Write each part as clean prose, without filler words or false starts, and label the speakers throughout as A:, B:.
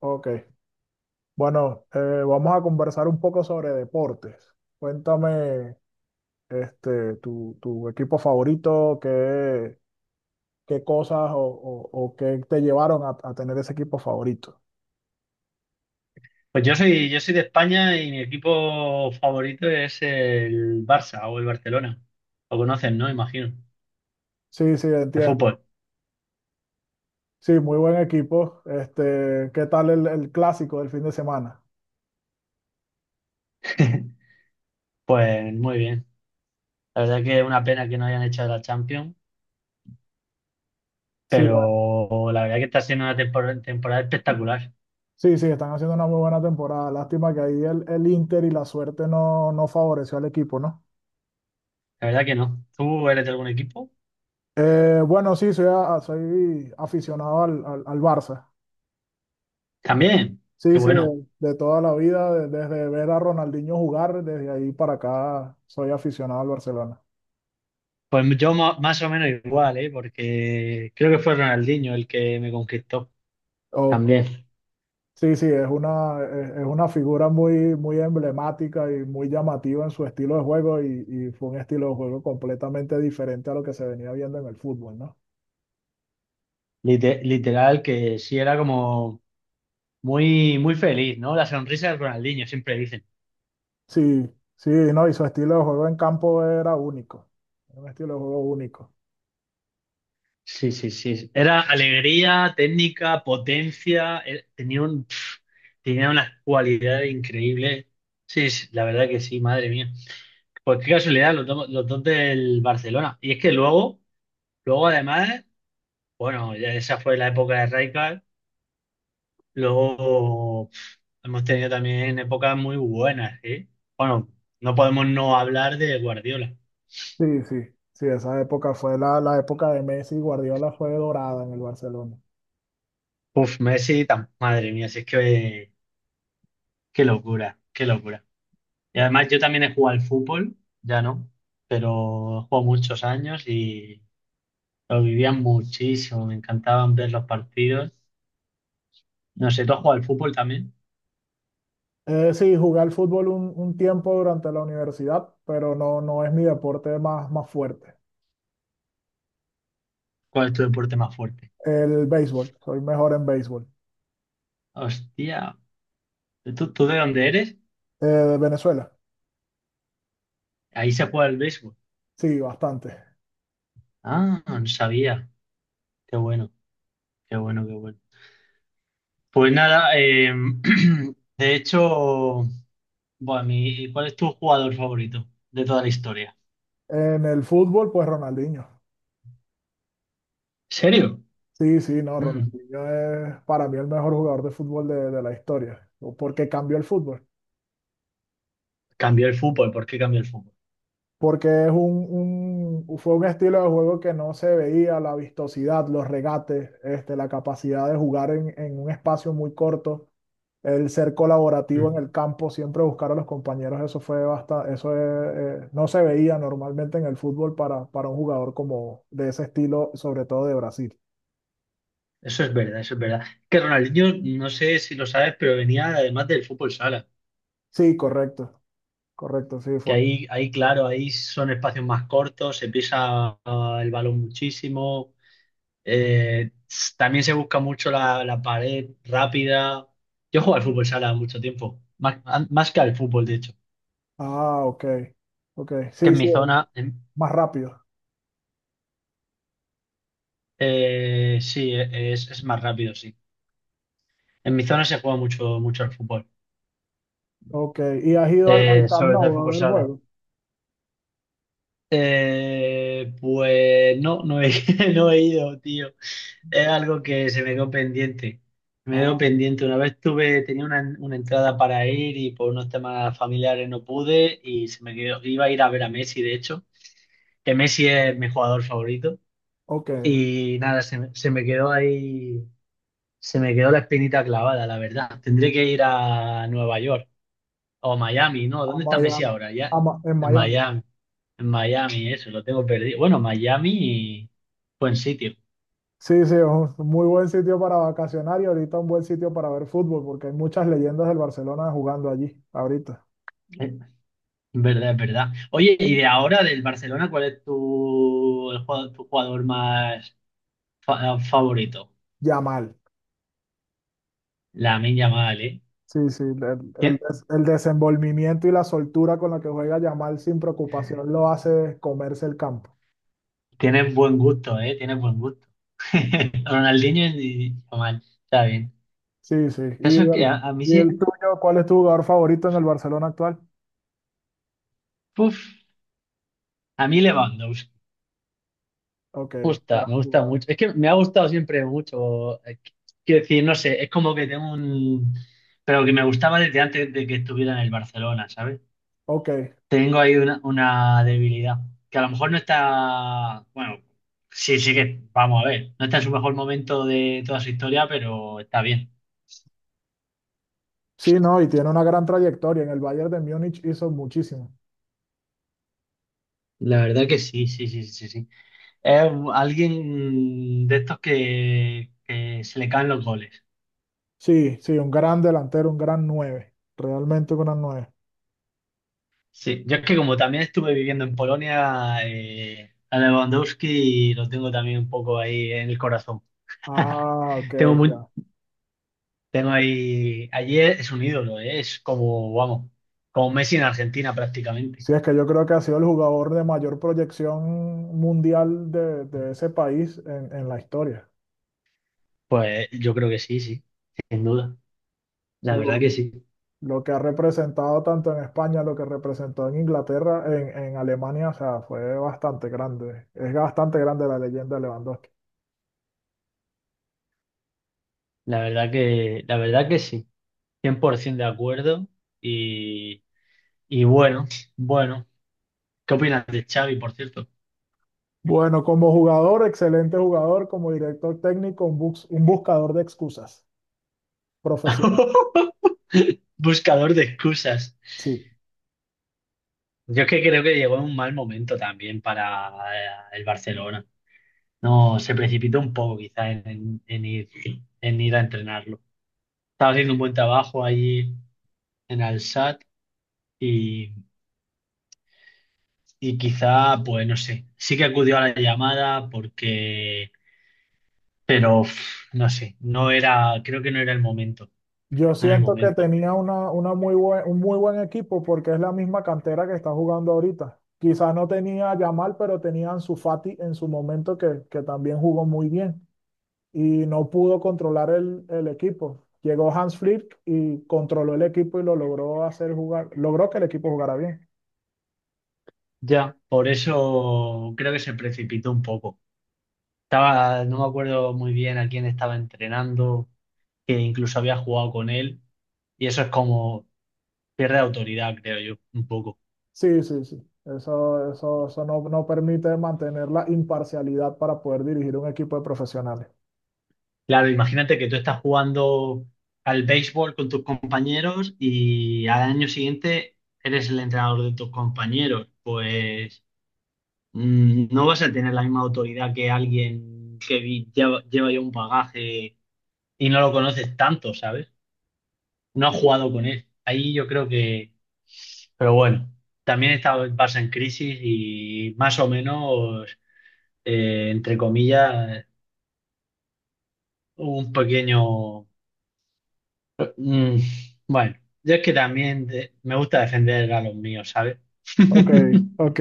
A: Ok, bueno, vamos a conversar un poco sobre deportes. Cuéntame, tu equipo favorito, qué cosas o qué te llevaron a tener ese equipo favorito.
B: Pues yo soy de España y mi equipo favorito es el Barça o el Barcelona. Lo conocen, ¿no? Imagino.
A: Sí, sí,
B: De
A: entiendo.
B: fútbol.
A: Sí, muy buen equipo. Este, ¿qué tal el clásico del fin de semana?
B: Pues muy bien. La verdad que es una pena que no hayan hecho la Champions,
A: Sí, va-
B: pero la verdad que está siendo una temporada espectacular.
A: sí, sí, están haciendo una muy buena temporada. Lástima que ahí el Inter y la suerte no favoreció al equipo, ¿no?
B: La verdad que no. ¿Tú eres de algún equipo?
A: Bueno, sí, soy aficionado al Barça.
B: También.
A: Sí,
B: Qué
A: sí,
B: bueno.
A: de toda la vida, desde ver a Ronaldinho jugar, desde ahí para acá soy aficionado al Barcelona.
B: Pues yo más o menos igual, ¿eh? Porque creo que fue Ronaldinho el que me conquistó.
A: Ok.
B: También.
A: Sí, sí, es una figura muy, muy emblemática y muy llamativa en su estilo de juego y fue un estilo de juego completamente diferente a lo que se venía viendo en el fútbol, ¿no?
B: Literal que sí, era como... Muy, muy feliz, ¿no? La sonrisa de Ronaldinho, siempre dicen.
A: Sí, sí, no, y su estilo de juego en campo era único, era un estilo de juego único.
B: Sí, sí, sí. Era alegría, técnica, potencia. Tenía un, tenía una cualidad increíble. Sí, sí, la verdad que sí, madre mía. Pues qué casualidad, los dos del Barcelona. Y es que luego, luego además, bueno, ya esa fue la época de Rijkaard. Luego hemos tenido también épocas muy buenas, ¿eh? Bueno, no podemos no hablar de Guardiola.
A: Sí, sí, sí, esa época fue la época de Messi y Guardiola fue dorada en el Barcelona.
B: Uf, Messi, madre mía, si es que... Qué locura, qué locura. Y además yo también he jugado al fútbol, ya no, pero he jugado muchos años y lo vivía muchísimo, me encantaban ver los partidos. No sé, ¿tú has jugado al fútbol también?
A: Sí, jugué al fútbol un tiempo durante la universidad, pero no, no es mi deporte más fuerte.
B: ¿Cuál es tu deporte más fuerte?
A: El béisbol, soy mejor en béisbol.
B: Hostia, ¿tú de dónde eres?
A: De Venezuela,
B: Ahí se juega el béisbol.
A: sí, bastante.
B: Ah, no sabía. Qué bueno, qué bueno, qué bueno. Pues nada, de hecho, bueno, ¿cuál es tu jugador favorito de toda la historia?
A: En el fútbol, pues Ronaldinho.
B: ¿En serio?
A: Sí, sí, no,
B: Mm,
A: Ronaldinho es para mí el mejor jugador de fútbol de la historia, o porque cambió el fútbol,
B: cambió el fútbol, ¿por qué cambió el fútbol?
A: porque es fue un estilo de juego que no se veía, la vistosidad, los regates, la capacidad de jugar en un espacio muy corto, el ser colaborativo en
B: Mm,
A: el campo, siempre buscar a los compañeros, eso fue bastante, eso es, no se veía normalmente en el fútbol para un jugador como de ese estilo, sobre todo de Brasil.
B: eso es verdad, eso es verdad. Que Ronaldinho, no sé si lo sabes, pero venía además del fútbol sala,
A: Sí, correcto, correcto, sí,
B: que ahí, ahí claro, ahí son espacios más cortos, se pisa el balón muchísimo, también se busca mucho la, la pared rápida. Yo juego al fútbol sala mucho tiempo, más, más que al fútbol, de hecho,
A: ah, ok, ok,
B: que
A: sí,
B: en
A: sí,
B: mi zona,
A: más rápido.
B: sí, es más rápido, sí. En mi zona se juega mucho, mucho al fútbol,
A: Ok, ¿y has ido al Camp
B: sobre todo al
A: Nou a
B: fútbol
A: ver el
B: sala.
A: juego?
B: Eh, pues no, no he, no he ido, tío. Es algo que se me quedó pendiente. Me quedó
A: Ah,
B: pendiente. Una vez tuve, tenía una entrada para ir y por unos temas familiares no pude y se me quedó. Iba a ir a ver a Messi, de hecho, que Messi es mi jugador favorito.
A: ok, a
B: Y nada, se me quedó ahí, se me quedó la espinita clavada, la verdad. Tendré que ir a Nueva York o Miami, ¿no? ¿Dónde está Messi
A: Miami,
B: ahora? Ya,
A: en
B: en
A: Miami.
B: Miami. En Miami, eso, lo tengo perdido. Bueno, Miami y buen sitio.
A: Sí, sí, es un muy buen sitio para vacacionar y ahorita un buen sitio para ver fútbol, porque hay muchas leyendas del Barcelona jugando allí, ahorita.
B: Eh, Verdad, es verdad. Oye, y de ahora del Barcelona, ¿cuál es tu, el jugador, tu jugador más favorito?
A: Yamal.
B: La Yamal, ¿eh?
A: Sí, sí,
B: Tien-
A: el desenvolvimiento y la soltura con la que juega Yamal sin preocupación lo hace comerse el campo.
B: Tienes buen gusto, ¿eh? Tienes buen gusto. Ronaldinho y Yamal, está bien.
A: Sí, sí.
B: El
A: ¿Y
B: caso es que a mí
A: y el
B: sí,
A: tuyo? ¿Cuál es tu jugador favorito en el Barcelona actual?
B: puf, a mí Lewandowski
A: Ok,
B: gusta,
A: gran
B: me gusta
A: jugador.
B: mucho. Es que me ha gustado siempre mucho. Quiero decir, no sé, es como que tengo un... Pero que me gustaba desde antes de que estuviera en el Barcelona, ¿sabes?
A: Ok.
B: Tengo ahí una debilidad, que a lo mejor no está... Bueno, sí, sí que, vamos a ver, no está en su mejor momento de toda su historia, pero está bien.
A: Sí, no, y tiene una gran trayectoria. En el Bayern de Múnich hizo muchísimo.
B: La verdad que sí, sí, sí, sí, sí. Es alguien de estos que se le caen los goles.
A: Sí, sí, un gran delantero, un gran nueve. Realmente un gran nueve.
B: Sí, yo es que como también estuve viviendo en Polonia, a Lewandowski lo tengo también un poco ahí en el corazón.
A: Ah, ok,
B: Tengo muy,
A: ya.
B: tengo ahí, allí es un ídolo, es como, vamos, como Messi en Argentina prácticamente.
A: Sí, es que yo creo que ha sido el jugador de mayor proyección mundial de ese país en la historia.
B: Pues yo creo que sí, sí, sin duda.
A: Sí,
B: La verdad
A: por
B: que sí,
A: lo que ha representado tanto en España, lo que representó en Inglaterra, en Alemania, o sea, fue bastante grande. Es bastante grande la leyenda de Lewandowski.
B: la verdad que sí, 100% de acuerdo. Y, y bueno, bueno, ¿qué opinas de Xavi, por cierto?
A: Bueno, como jugador, excelente jugador, como director técnico, un buscador de excusas profesional.
B: Buscador de excusas.
A: Sí.
B: Yo es que creo que llegó en un mal momento también para el Barcelona. No, se precipitó un poco quizás en ir a entrenarlo. Estaba haciendo un buen trabajo allí en Al Sadd y, y quizá, pues no sé, sí que acudió a la llamada porque, pero no sé, no era, creo que no era el momento,
A: Yo
B: no era el
A: siento que
B: momento.
A: tenía una muy buen, un muy buen equipo porque es la misma cantera que está jugando ahorita. Quizás no tenía a Yamal, pero tenía a Ansu Fati en su momento que también jugó muy bien y no pudo controlar el equipo. Llegó Hans Flick y controló el equipo y lo logró hacer jugar, logró que el equipo jugara bien.
B: Ya, por eso creo que se precipitó un poco. Estaba, no me acuerdo muy bien a quién estaba entrenando, que incluso había jugado con él. Y eso es como, pierde autoridad, creo yo, un poco.
A: Sí, sí, sí. Eso no, no permite mantener la imparcialidad para poder dirigir un equipo de profesionales.
B: Claro, imagínate que tú estás jugando al béisbol con tus compañeros y al año siguiente eres el entrenador de tus compañeros. Pues mm, no vas a tener la misma autoridad que alguien que lleva, lleva ya un bagaje y no lo conoces tanto, ¿sabes? No has jugado con él. Ahí yo creo que... Pero bueno, también está el Barça en crisis y más o menos, entre comillas un pequeño... mm, bueno, yo es que también me gusta defender a los míos, ¿sabes?
A: Ok, ok.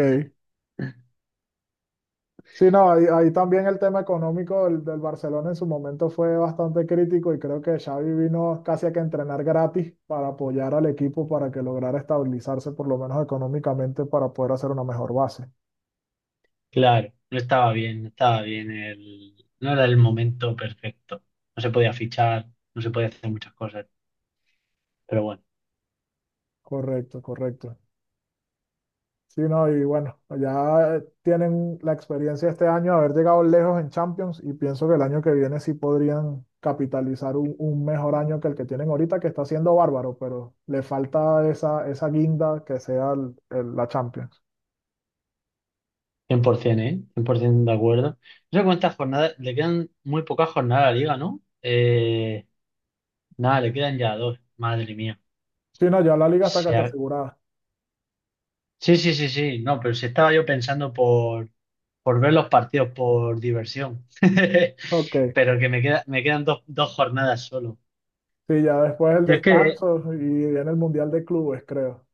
A: Sí, no, ahí, ahí también el tema económico del Barcelona en su momento fue bastante crítico y creo que Xavi vino casi a que entrenar gratis para apoyar al equipo para que lograra estabilizarse por lo menos económicamente para poder hacer una mejor base.
B: Claro, no estaba bien, no estaba bien el... No era el momento perfecto. No se podía fichar, no se podía hacer muchas cosas. Pero bueno,
A: Correcto, correcto. Sí, no, y bueno, ya tienen la experiencia este año de haber llegado lejos en Champions y pienso que el año que viene sí podrían capitalizar un mejor año que el que tienen ahorita, que está siendo bárbaro, pero le falta esa, esa guinda que sea la Champions.
B: 100%, ¿eh? 100% de acuerdo. No sé cuántas jornadas... Le quedan muy pocas jornadas a la liga, ¿no? Nada, le quedan ya 2. Madre mía.
A: Sí, no, ya la liga está casi
B: Se,
A: asegurada.
B: Sí, sí, sí, sí. No, pero si estaba yo pensando por ver los partidos por diversión.
A: Ok.
B: Pero que me queda, me quedan dos, 2 jornadas solo.
A: Sí, ya después el
B: Yo es que,
A: descanso y viene el Mundial de Clubes, creo.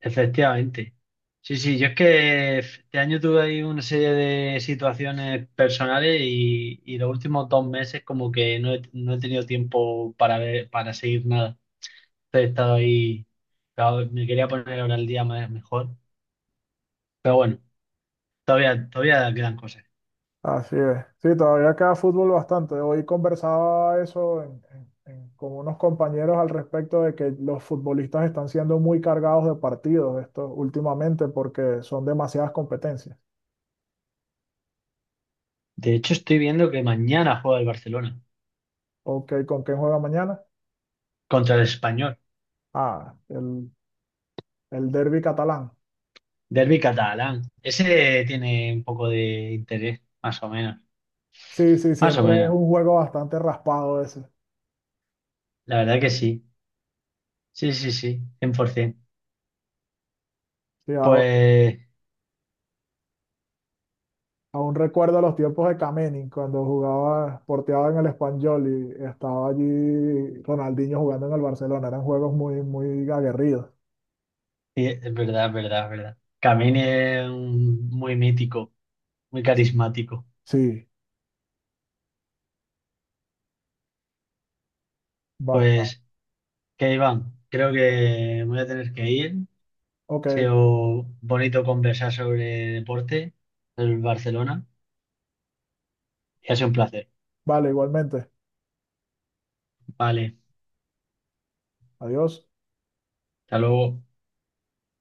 B: efectivamente. Sí, sí, yo es que este año tuve ahí una serie de situaciones personales y los últimos 2 meses como que no he, no he tenido tiempo para ver, para seguir nada. He estado ahí, claro, me quería poner ahora el día más mejor. Pero bueno, todavía, todavía quedan cosas.
A: Así es. Sí, todavía queda fútbol bastante. Hoy conversaba eso con unos compañeros al respecto de que los futbolistas están siendo muy cargados de partidos esto últimamente porque son demasiadas competencias.
B: De hecho, estoy viendo que mañana juega el Barcelona
A: Ok, ¿con quién juega mañana?
B: contra el Español.
A: Ah, el derbi catalán.
B: Derbi catalán. Ese tiene un poco de interés, más o menos.
A: Sí, sí,
B: Más o
A: siempre es
B: menos.
A: un juego bastante raspado ese.
B: La verdad que sí. Sí, sí, sí. 100%.
A: Sí,
B: Pues
A: aún recuerdo los tiempos de Kameni, cuando jugaba, porteaba en el Espanyol y estaba allí Ronaldinho jugando en el Barcelona. Eran juegos muy, muy aguerridos.
B: sí, es verdad, es verdad, es verdad. Camini es muy mítico, muy carismático.
A: Sí, basta.
B: Pues, ¿qué, Iván? Creo que voy a tener que ir. Ha
A: Ok,
B: sido bonito conversar sobre deporte del Barcelona y ha sido un placer.
A: vale, igualmente.
B: Vale,
A: Adiós.
B: hasta luego.